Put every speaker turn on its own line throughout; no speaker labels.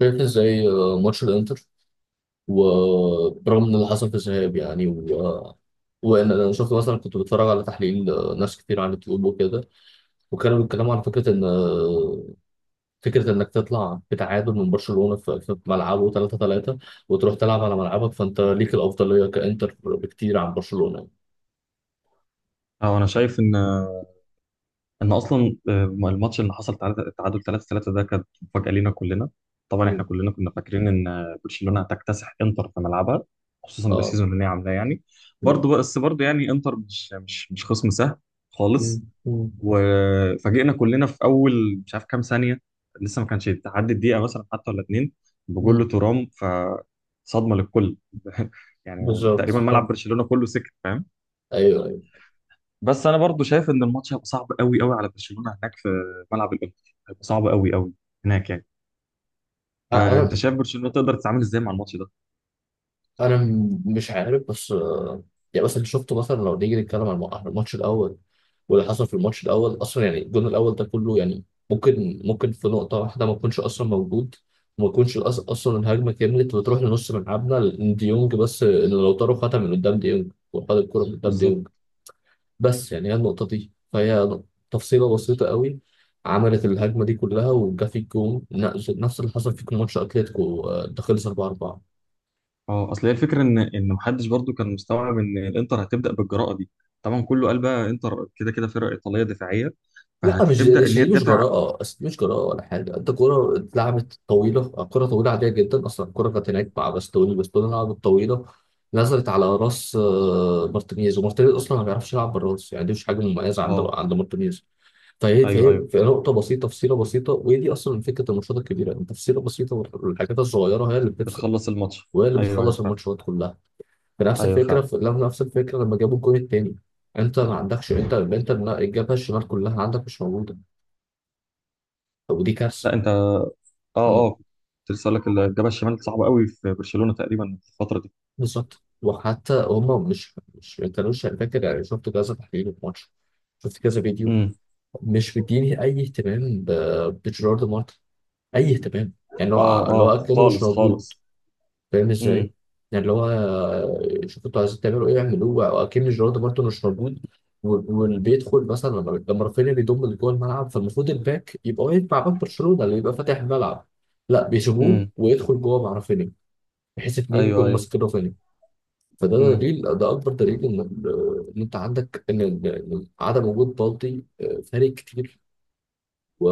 شايف ازاي ماتش الانتر، وبرغم ان اللي حصل في الذهاب يعني و... آه، وان انا شفت مثلا كنت بتفرج على تحليل ناس كتير على اليوتيوب وكده، وكانوا بيتكلموا على فكره ان فكره انك تطلع بتعادل من برشلونه في ملعبه 3-3، وتروح تلعب على ملعبك فانت ليك الافضليه كانتر بكتير عن برشلونه.
اه انا شايف ان اصلا الماتش اللي حصل تعادل 3-3 ده كانت مفاجاه لينا كلنا. طبعا احنا
مم.
كلنا كنا فاكرين ان برشلونه هتكتسح انتر في ملعبها، خصوصا
اه.
بالسيزون اللي هي عاملاه يعني.
مم.
برضه بس برضه يعني انتر مش خصم سهل
مم.
خالص.
مم.
وفاجئنا كلنا في اول مش عارف كام ثانيه، لسه ما كانش تعدي الدقيقه مثلا حتى ولا اتنين
مم.
بجول ترام، فصدمه للكل يعني
بالظبط
تقريبا
صح.
ملعب برشلونه كله سكت، فاهم؟
ايوه ايوه.
بس انا برضو شايف ان الماتش هيبقى صعب قوي قوي على برشلونه هناك، في ملعب الانتر هيبقى صعب قوي قوي هناك يعني.
انا
فانت شايف برشلونه تقدر تتعامل ازاي مع الماتش ده؟
انا مش عارف بس يعني مثلا شفته، مثلا لو نيجي نتكلم عن الماتش الاول. واللي حصل في الماتش الاول اصلا، يعني الجون الاول ده كله يعني ممكن في نقطه واحده ما يكونش اصلا موجود، وما يكونش اصلا الهجمه كملت وتروح لنص ملعبنا، لأن ديونج بس ان لوتارو خدها من قدام ديونج وخد الكره من قدام
بالظبط.
ديونج. بس يعني هي النقطه دي، فهي تفصيله بسيطه قوي. عملت الهجمه دي كلها وجا في الجون نفس اللي حصل في ماتش اتلتيكو، ده خلص 4.
اه، اصل هي الفكره ان محدش برضو كان مستوعب ان الانتر هتبدا بالجراءه دي. طبعا كله قال بقى انتر كده كده فرقه ايطاليه دفاعيه،
لا، مش
فهتبدا
مش
ان هي
دي مش
تدافع.
جراءة، أصل دي مش جراءة ولا حاجة. أنت كرة اتلعبت طويلة، كرة طويلة عادية جدا، أصلا الكرة كانت هناك مع باستوني، باستوني لعبت طويلة، نزلت على راس مارتينيز، ومارتينيز أصلا ما بيعرفش يلعب بالراس، يعني دي مش حاجة مميزة عند
اه.
عند مارتينيز. فهي
ايوه،
فهي
ايوه،
في نقطة بسيطة، تفصيلة بسيطة، وهي دي أصلا فكرة الماتشات الكبيرة. أنت تفصيلة بسيطة والحاجات الصغيرة هي اللي بتفصل،
بتخلص الماتش.
وهي اللي
ايوه ايوه
بتخلص
فعلا.
الماتشات كلها. بنفس
ايوه
الفكرة
فعلا.
في نفس الفكرة لما جابوا الجون التاني. أنت ما عندكش، أنت الجبهة الشمال كلها عندك مش موجودة، ودي كارثه.
لا انت اه.
مم.
اه، كنت لسه اقول لك الجبهه الشمال صعبه قوي في برشلونه تقريبا في الفتره دي.
بالظبط، وحتى هم مش ما كانوش، يعني فاكر، يعني شفت كذا تحليل في ماتش، شفت كذا فيديو،
امم.
مش مديني اي اهتمام بجيرارد مارتن، اي اهتمام. يعني اللي هو
اه،
اللي
اه
هو كانه مش
خالص
موجود،
خالص.
فاهم ازاي؟ يعني اللي هو شوفوا انتوا عايزين تعملوا ايه اعملوه اكن جيرارد مارتن مش موجود. واللي بيدخل مثلا لما رافينيا بيضم اللي جوه الملعب، فالمفروض الباك يبقى واقف مع باك برشلونه اللي يبقى فاتح الملعب، لا بيسيبوه
امم.
ويدخل جوه مع رافينيا، بحيث اتنين
ايوه
يكونوا
ايوه.
ماسكين رافينيا. فده
امم.
دليل، ده اكبر دليل ان ان انت عندك، ان إن عدم وجود بالدي فارق كتير و...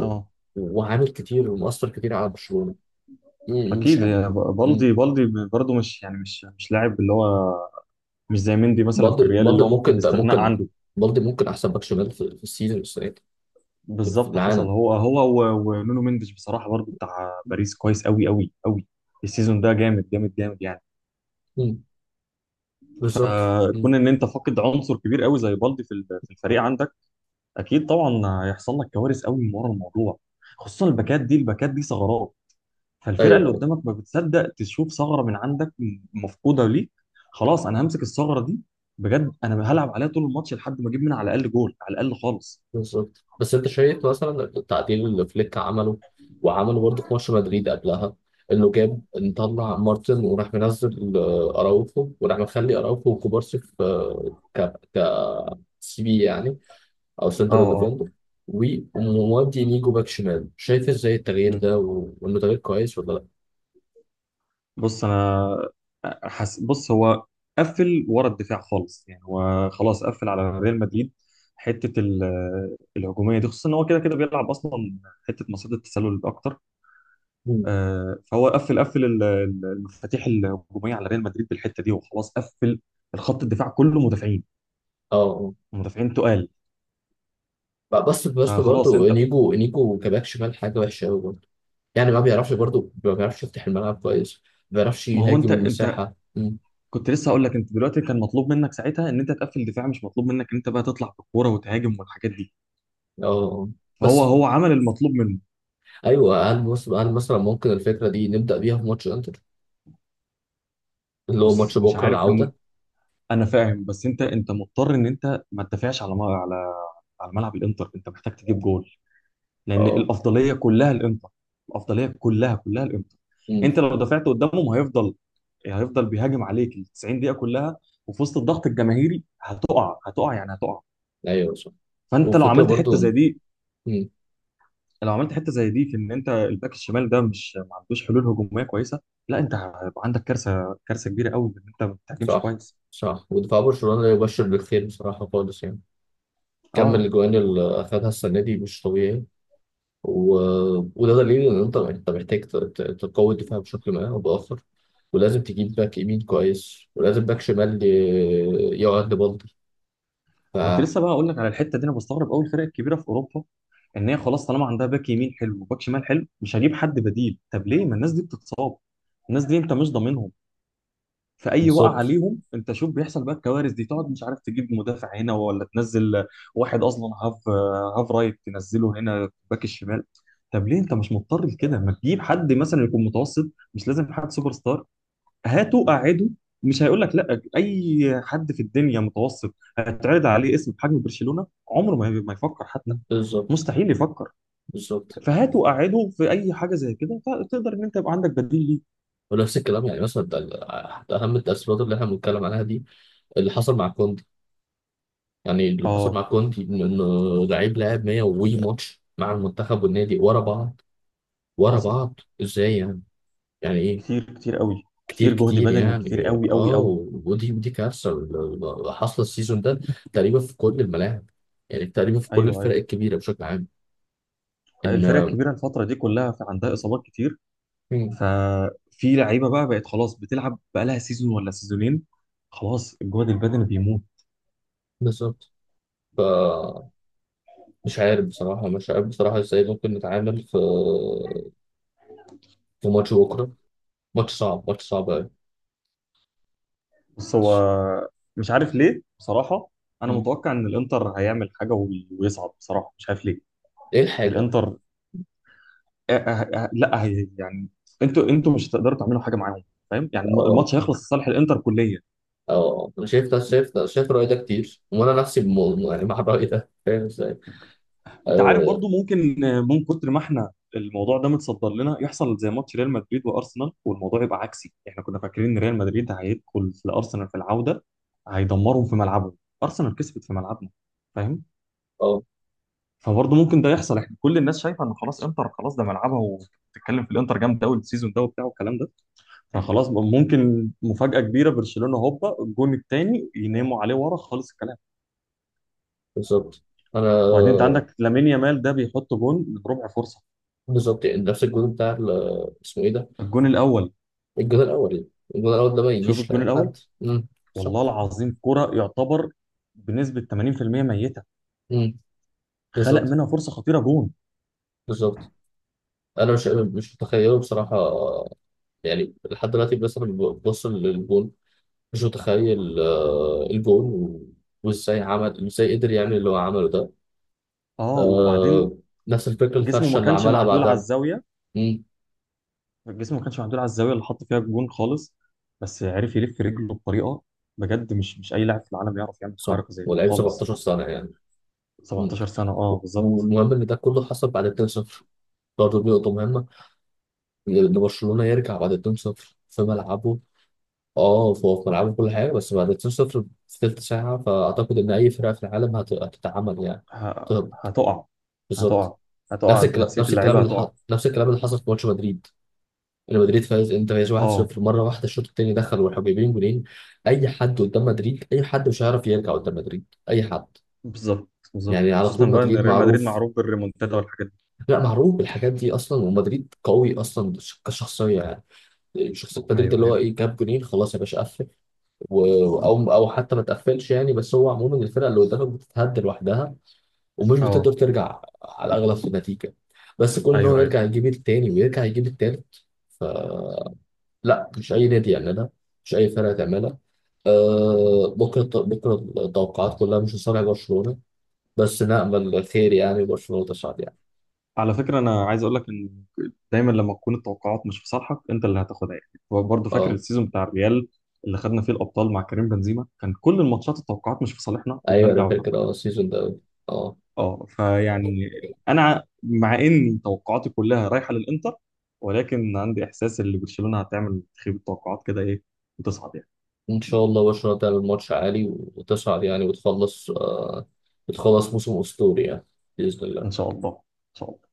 اه.
وعامل كتير ومؤثر كتير على برشلونه. مم، مش
اكيد
عارف.
يا
مم.
بالدي. بالدي برضه مش يعني مش لاعب اللي هو مش زي مندي مثلا في
بالدي
الريال، اللي
بالدي
هو ممكن
ممكن، ده
استغناء
ممكن.
عنده.
بالدي ممكن احسن باك شمال في السيزون السنه دي، في
بالظبط. حصل،
العالم.
هو ونونو مندش بصراحه برضه بتاع باريس كويس قوي قوي قوي. السيزون ده جامد جامد جامد يعني.
مم. بالظبط.
كون
مم.
ان انت فاقد عنصر كبير قوي زي بالدي في في الفريق عندك، اكيد طبعا هيحصل لك كوارث قوي من ورا الموضوع. خصوصا الباكات دي، الباكات دي ثغرات. فالفرقه اللي
ايوه،
قدامك ما بتصدق تشوف ثغره من عندك مفقوده ليك، خلاص انا همسك الثغره دي، بجد انا هلعب عليها طول الماتش لحد ما اجيب منها على الاقل جول، على الاقل خالص.
بالظبط. بس انت شايف مثلا التعديل اللي فليك عمله، وعمله برضه في ماتش مدريد قبلها، انه جاب نطلع مارتن، وراح منزل اراوخو، وراح مخلي اراوخو وكوبارسي في، آه، ك ك سي بي يعني، او
اه.
سنترال
اه.
ديفندر. ومودي نيجو باك شمال. شايف ازاي التغيير
مم.
ده وانه تغيير كويس ولا لا؟
بص انا بص هو قفل ورا الدفاع خالص يعني، هو خلاص قفل على ريال مدريد. حته الهجوميه دي، خصوصا ان هو كده كده بيلعب اصلا حته مصيده التسلل اكتر.
مم.
فهو قفل قفل المفاتيح الهجوميه على ريال مدريد بالحته دي، وخلاص قفل الخط الدفاع كله مدافعين،
اه.
مدافعين تقال.
اه. بس
فخلاص
برضه
انت.
انيجو كباك شمال حاجه وحشه قوي برضه، يعني ما بيعرفش، برضه ما بيعرفش يفتح الملعب كويس، ما بيعرفش
ما هو
يهاجم
انت انت،
المساحه.
كنت لسه هقول لك انت دلوقتي كان مطلوب منك ساعتها ان انت تقفل دفاع، مش مطلوب منك ان انت بقى تطلع بالكوره وتهاجم والحاجات دي.
اه بس
فهو هو عمل المطلوب منه.
ايوه. هل مثلا ممكن الفكره دي نبدا بيها في ماتش انتر، اللي هو
بص
ماتش
مش
بكره
عارف ان،
العوده؟
انا فاهم بس انت مضطر ان انت ما تدافعش على على على ملعب الانتر، انت محتاج تجيب جول لان
اه.
الافضليه كلها الانتر، الافضليه كلها الانتر.
امم.
انت لو دافعت قدامهم هيفضل بيهاجم عليك ال 90 دقيقه كلها، وفي وسط الضغط الجماهيري هتقع يعني هتقع.
ايوه، صح.
فانت لو
وفكره
عملت حته
برضو.
زي دي،
امم.
لو عملت حته زي دي في ان انت الباك الشمال ده مش ما عندوش حلول هجوميه كويسه، لا انت هيبقى عندك كارثه، كارثه كبيره قوي ان انت ما بتهاجمش
صح،
كويس.
صح. ودفاع برشلونه لا يبشر بالخير بصراحه خالص يعني، كمل
اه.
الاجوان اللي اخذها السنه دي مش طبيعي. و... وده دليل ان انت محتاج تقوي الدفاع بشكل ما او باخر، ولازم تجيب باك يمين كويس، ولازم باك شمال يقعد لبالدي. ف
انا كنت لسه بقى اقول لك على الحته دي، انا بستغرب قوي الفرق الكبيره في اوروبا ان هي خلاص طالما عندها باك يمين حلو وباك شمال حلو مش هجيب حد بديل. طب ليه؟ ما الناس دي بتتصاب، الناس دي انت مش ضامنهم في اي وقع
بالظبط.
عليهم. انت شوف بيحصل بقى الكوارث دي، تقعد مش عارف تجيب مدافع، هنا ولا تنزل واحد اصلا هاف، هاف رايت تنزله هنا باك الشمال. طب ليه انت مش مضطر لكده؟ ما تجيب حد مثلا يكون متوسط، مش لازم حد سوبر ستار. هاته قعده، مش هيقول لك لا. اي حد في الدنيا متوسط هتعرض عليه اسم بحجم برشلونة، عمره ما يفكر حتى،
بالظبط.
مستحيل يفكر.
بالظبط.
فهاته قعده في اي حاجه زي كده، تقدر ان انت يبقى عندك بديل ليه.
ونفس الكلام يعني، مثلا حتى اهم التاثيرات اللي احنا بنتكلم عنها دي، اللي حصل مع كوندي. يعني اللي حصل
اه.
مع كوندي انه لعيب لعب 100 وي ماتش مع المنتخب والنادي ورا بعض، ورا
حصل
بعض ازاي يعني، يعني ايه.
كتير كتير قوي،
كتير،
كتير جهد
كتير
بدني كتير
يعني،
قوي قوي
اه.
قوي.
ودي كارثه اللي حاصله السيزون ده تقريبا في كل الملاعب، يعني تقريبا في كل
ايوه
الفرق
ايوه.
الكبيره بشكل عام. ان
الفرق الكبيره الفتره دي كلها في عندها اصابات كتير.
مم.
ففي لعيبه بقى بقت خلاص بتلعب بقى لها سيزون ولا سيزونين، خلاص الجهد البدني بيموت.
بالظبط. ف مش عارف بصراحه، مش عارف بصراحه ازاي ممكن نتعامل في في ماتش بكره، ماتش صعب، ماتش صعب أوي.
بص هو مش عارف ليه بصراحه، انا
مم.
متوقع ان الانتر هيعمل حاجه ويصعد، بصراحه مش عارف ليه.
إيه الحاجة؟
الانتر. أه لا هي يعني، انتوا مش هتقدروا تعملوا حاجه معاهم، فاهم؟ يعني
أه،
الماتش هيخلص لصالح الانتر كليا.
أه. أنا شايف ده، شايف ده، شايف الرأي ده كتير، وأنا نفسي يعني مع الرأي ده، فاهم إزاي؟
انت عارف
أه.
برضو ممكن، من كتر ما احنا الموضوع ده متصدر لنا يحصل زي ماتش ريال مدريد وارسنال، والموضوع يبقى عكسي. احنا كنا فاكرين ان ريال مدريد هيدخل في ارسنال في العوده هيدمرهم في ملعبهم، ارسنال كسبت في ملعبنا، فاهم؟
آه،
فبرضه ممكن ده يحصل. احنا كل الناس شايفه ان خلاص انتر خلاص ده ملعبها، وبتتكلم في الانتر جامد قوي السيزون ده وبتاع والكلام ده. فخلاص بقى ممكن مفاجاه كبيره، برشلونه هوبا، الجون الثاني يناموا عليه ورا خالص الكلام.
بالظبط. أنا
وبعدين انت عندك لامين يامال ده بيحط جون من ربع فرصه.
بالظبط، يعني نفس الجول بتاع اسمه إيه ده؟
الجون الاول،
الجول الأول. الجول الأول ده ما
شوف
يجيش
الجون
لأي
الاول،
حد. مم. صح.
والله العظيم كرة يعتبر بنسبة 80% ميتة،
مم.
خلق
بالظبط.
منها فرصة خطيرة جون.
بالظبط. أنا مش، مش متخيله بصراحة، يعني لحد دلوقتي مثلا ببص للجون، مش متخيل الجون، وازاي عمل، ازاي قدر يعمل اللي هو عمله ده.
اه
آه،
وبعدين،
نفس الفكرة،
جسمه
الفرشة
ما
اللي
كانش
عملها
معدول على
بعدها.
الزاوية،
مم.
جسمه ما كانش معدول على الزاوية اللي حط فيها الجون خالص. بس عرف يلف رجله بطريقة، بجد مش أي لاعب في العالم يعرف يعمل
صح.
حركة زي دي
ولعيب
خالص.
17 سنة يعني. مم.
17 سنة اه، بالظبط.
والمهم ان ده كله حصل بعد 2-0، برضه دي نقطة مهمة، ان برشلونة يرجع بعد 2-0 في ملعبه. اه، فهو في ملعبه كل حاجة، بس بعد 2-0 في تلت ساعة، فأعتقد إن أي فرقة في العالم هتتعمل يعني،
ه-
هتهبط.
هتقع.
بالظبط.
هتقع
نفس
هتقع
الكلام،
نفسية
نفس الكلام
اللعيبة،
اللي
هتقع.
نفس الكلام اللي حصل في ماتش مدريد. ريال مدريد فاز، انت فايز
اه
1-0، مره واحده الشوط الثاني دخل والحبيبين جولين، اي حد قدام مدريد، اي حد مش هيعرف يرجع قدام مدريد، اي حد.
بالظبط، بالظبط،
يعني على
خصوصا
طول
بقى ان
مدريد
ريال مدريد
معروف،
معروف بالريمونتادا والحاجات دي.
لا معروف بالحاجات دي اصلا، ومدريد قوي اصلا كشخصيه يعني. شخصيه مدريد
ايوه
اللي هو
ايوه.
ايه، جاب جولين خلاص يا باشا، قفل. او حتى ما تقفلش يعني، بس هو عموما الفرقه اللي قدامك بتتهد لوحدها، ومش
اه.
بتقدر ترجع على الاغلب في النتيجه، بس كل ان هو
ايوه ايوه.
يرجع يجيب التاني، ويرجع يجيب التالت، لا مش اي نادي يعملها، مش اي فرقه تعملها. آه، بكره بكره التوقعات كلها مش لصالح برشلونه، بس نامل خير يعني برشلونه تصعد يعني.
على فكرة أنا عايز أقول لك إن دايما لما تكون التوقعات مش في صالحك أنت اللي هتاخدها، يعني هو برضه فاكر
اه،
السيزون بتاع الريال اللي خدنا فيه الأبطال مع كريم بنزيما، كان كل الماتشات التوقعات مش في صالحنا
ايوه انا
وبنرجع
فاكر،
وبناخدها.
اه السيزون ده. اه،
أه فيعني، أنا مع إن توقعاتي كلها رايحة للإنتر، ولكن عندي إحساس إن برشلونة هتعمل تخيب التوقعات كده إيه، وتصعد يعني.
ان شاء الله برشلونه تعمل ماتش عالي وتصعد يعني، وتخلص آه، بتخلص موسم اسطوري يعني، باذن
إن
الله.
شاء الله إن شاء الله.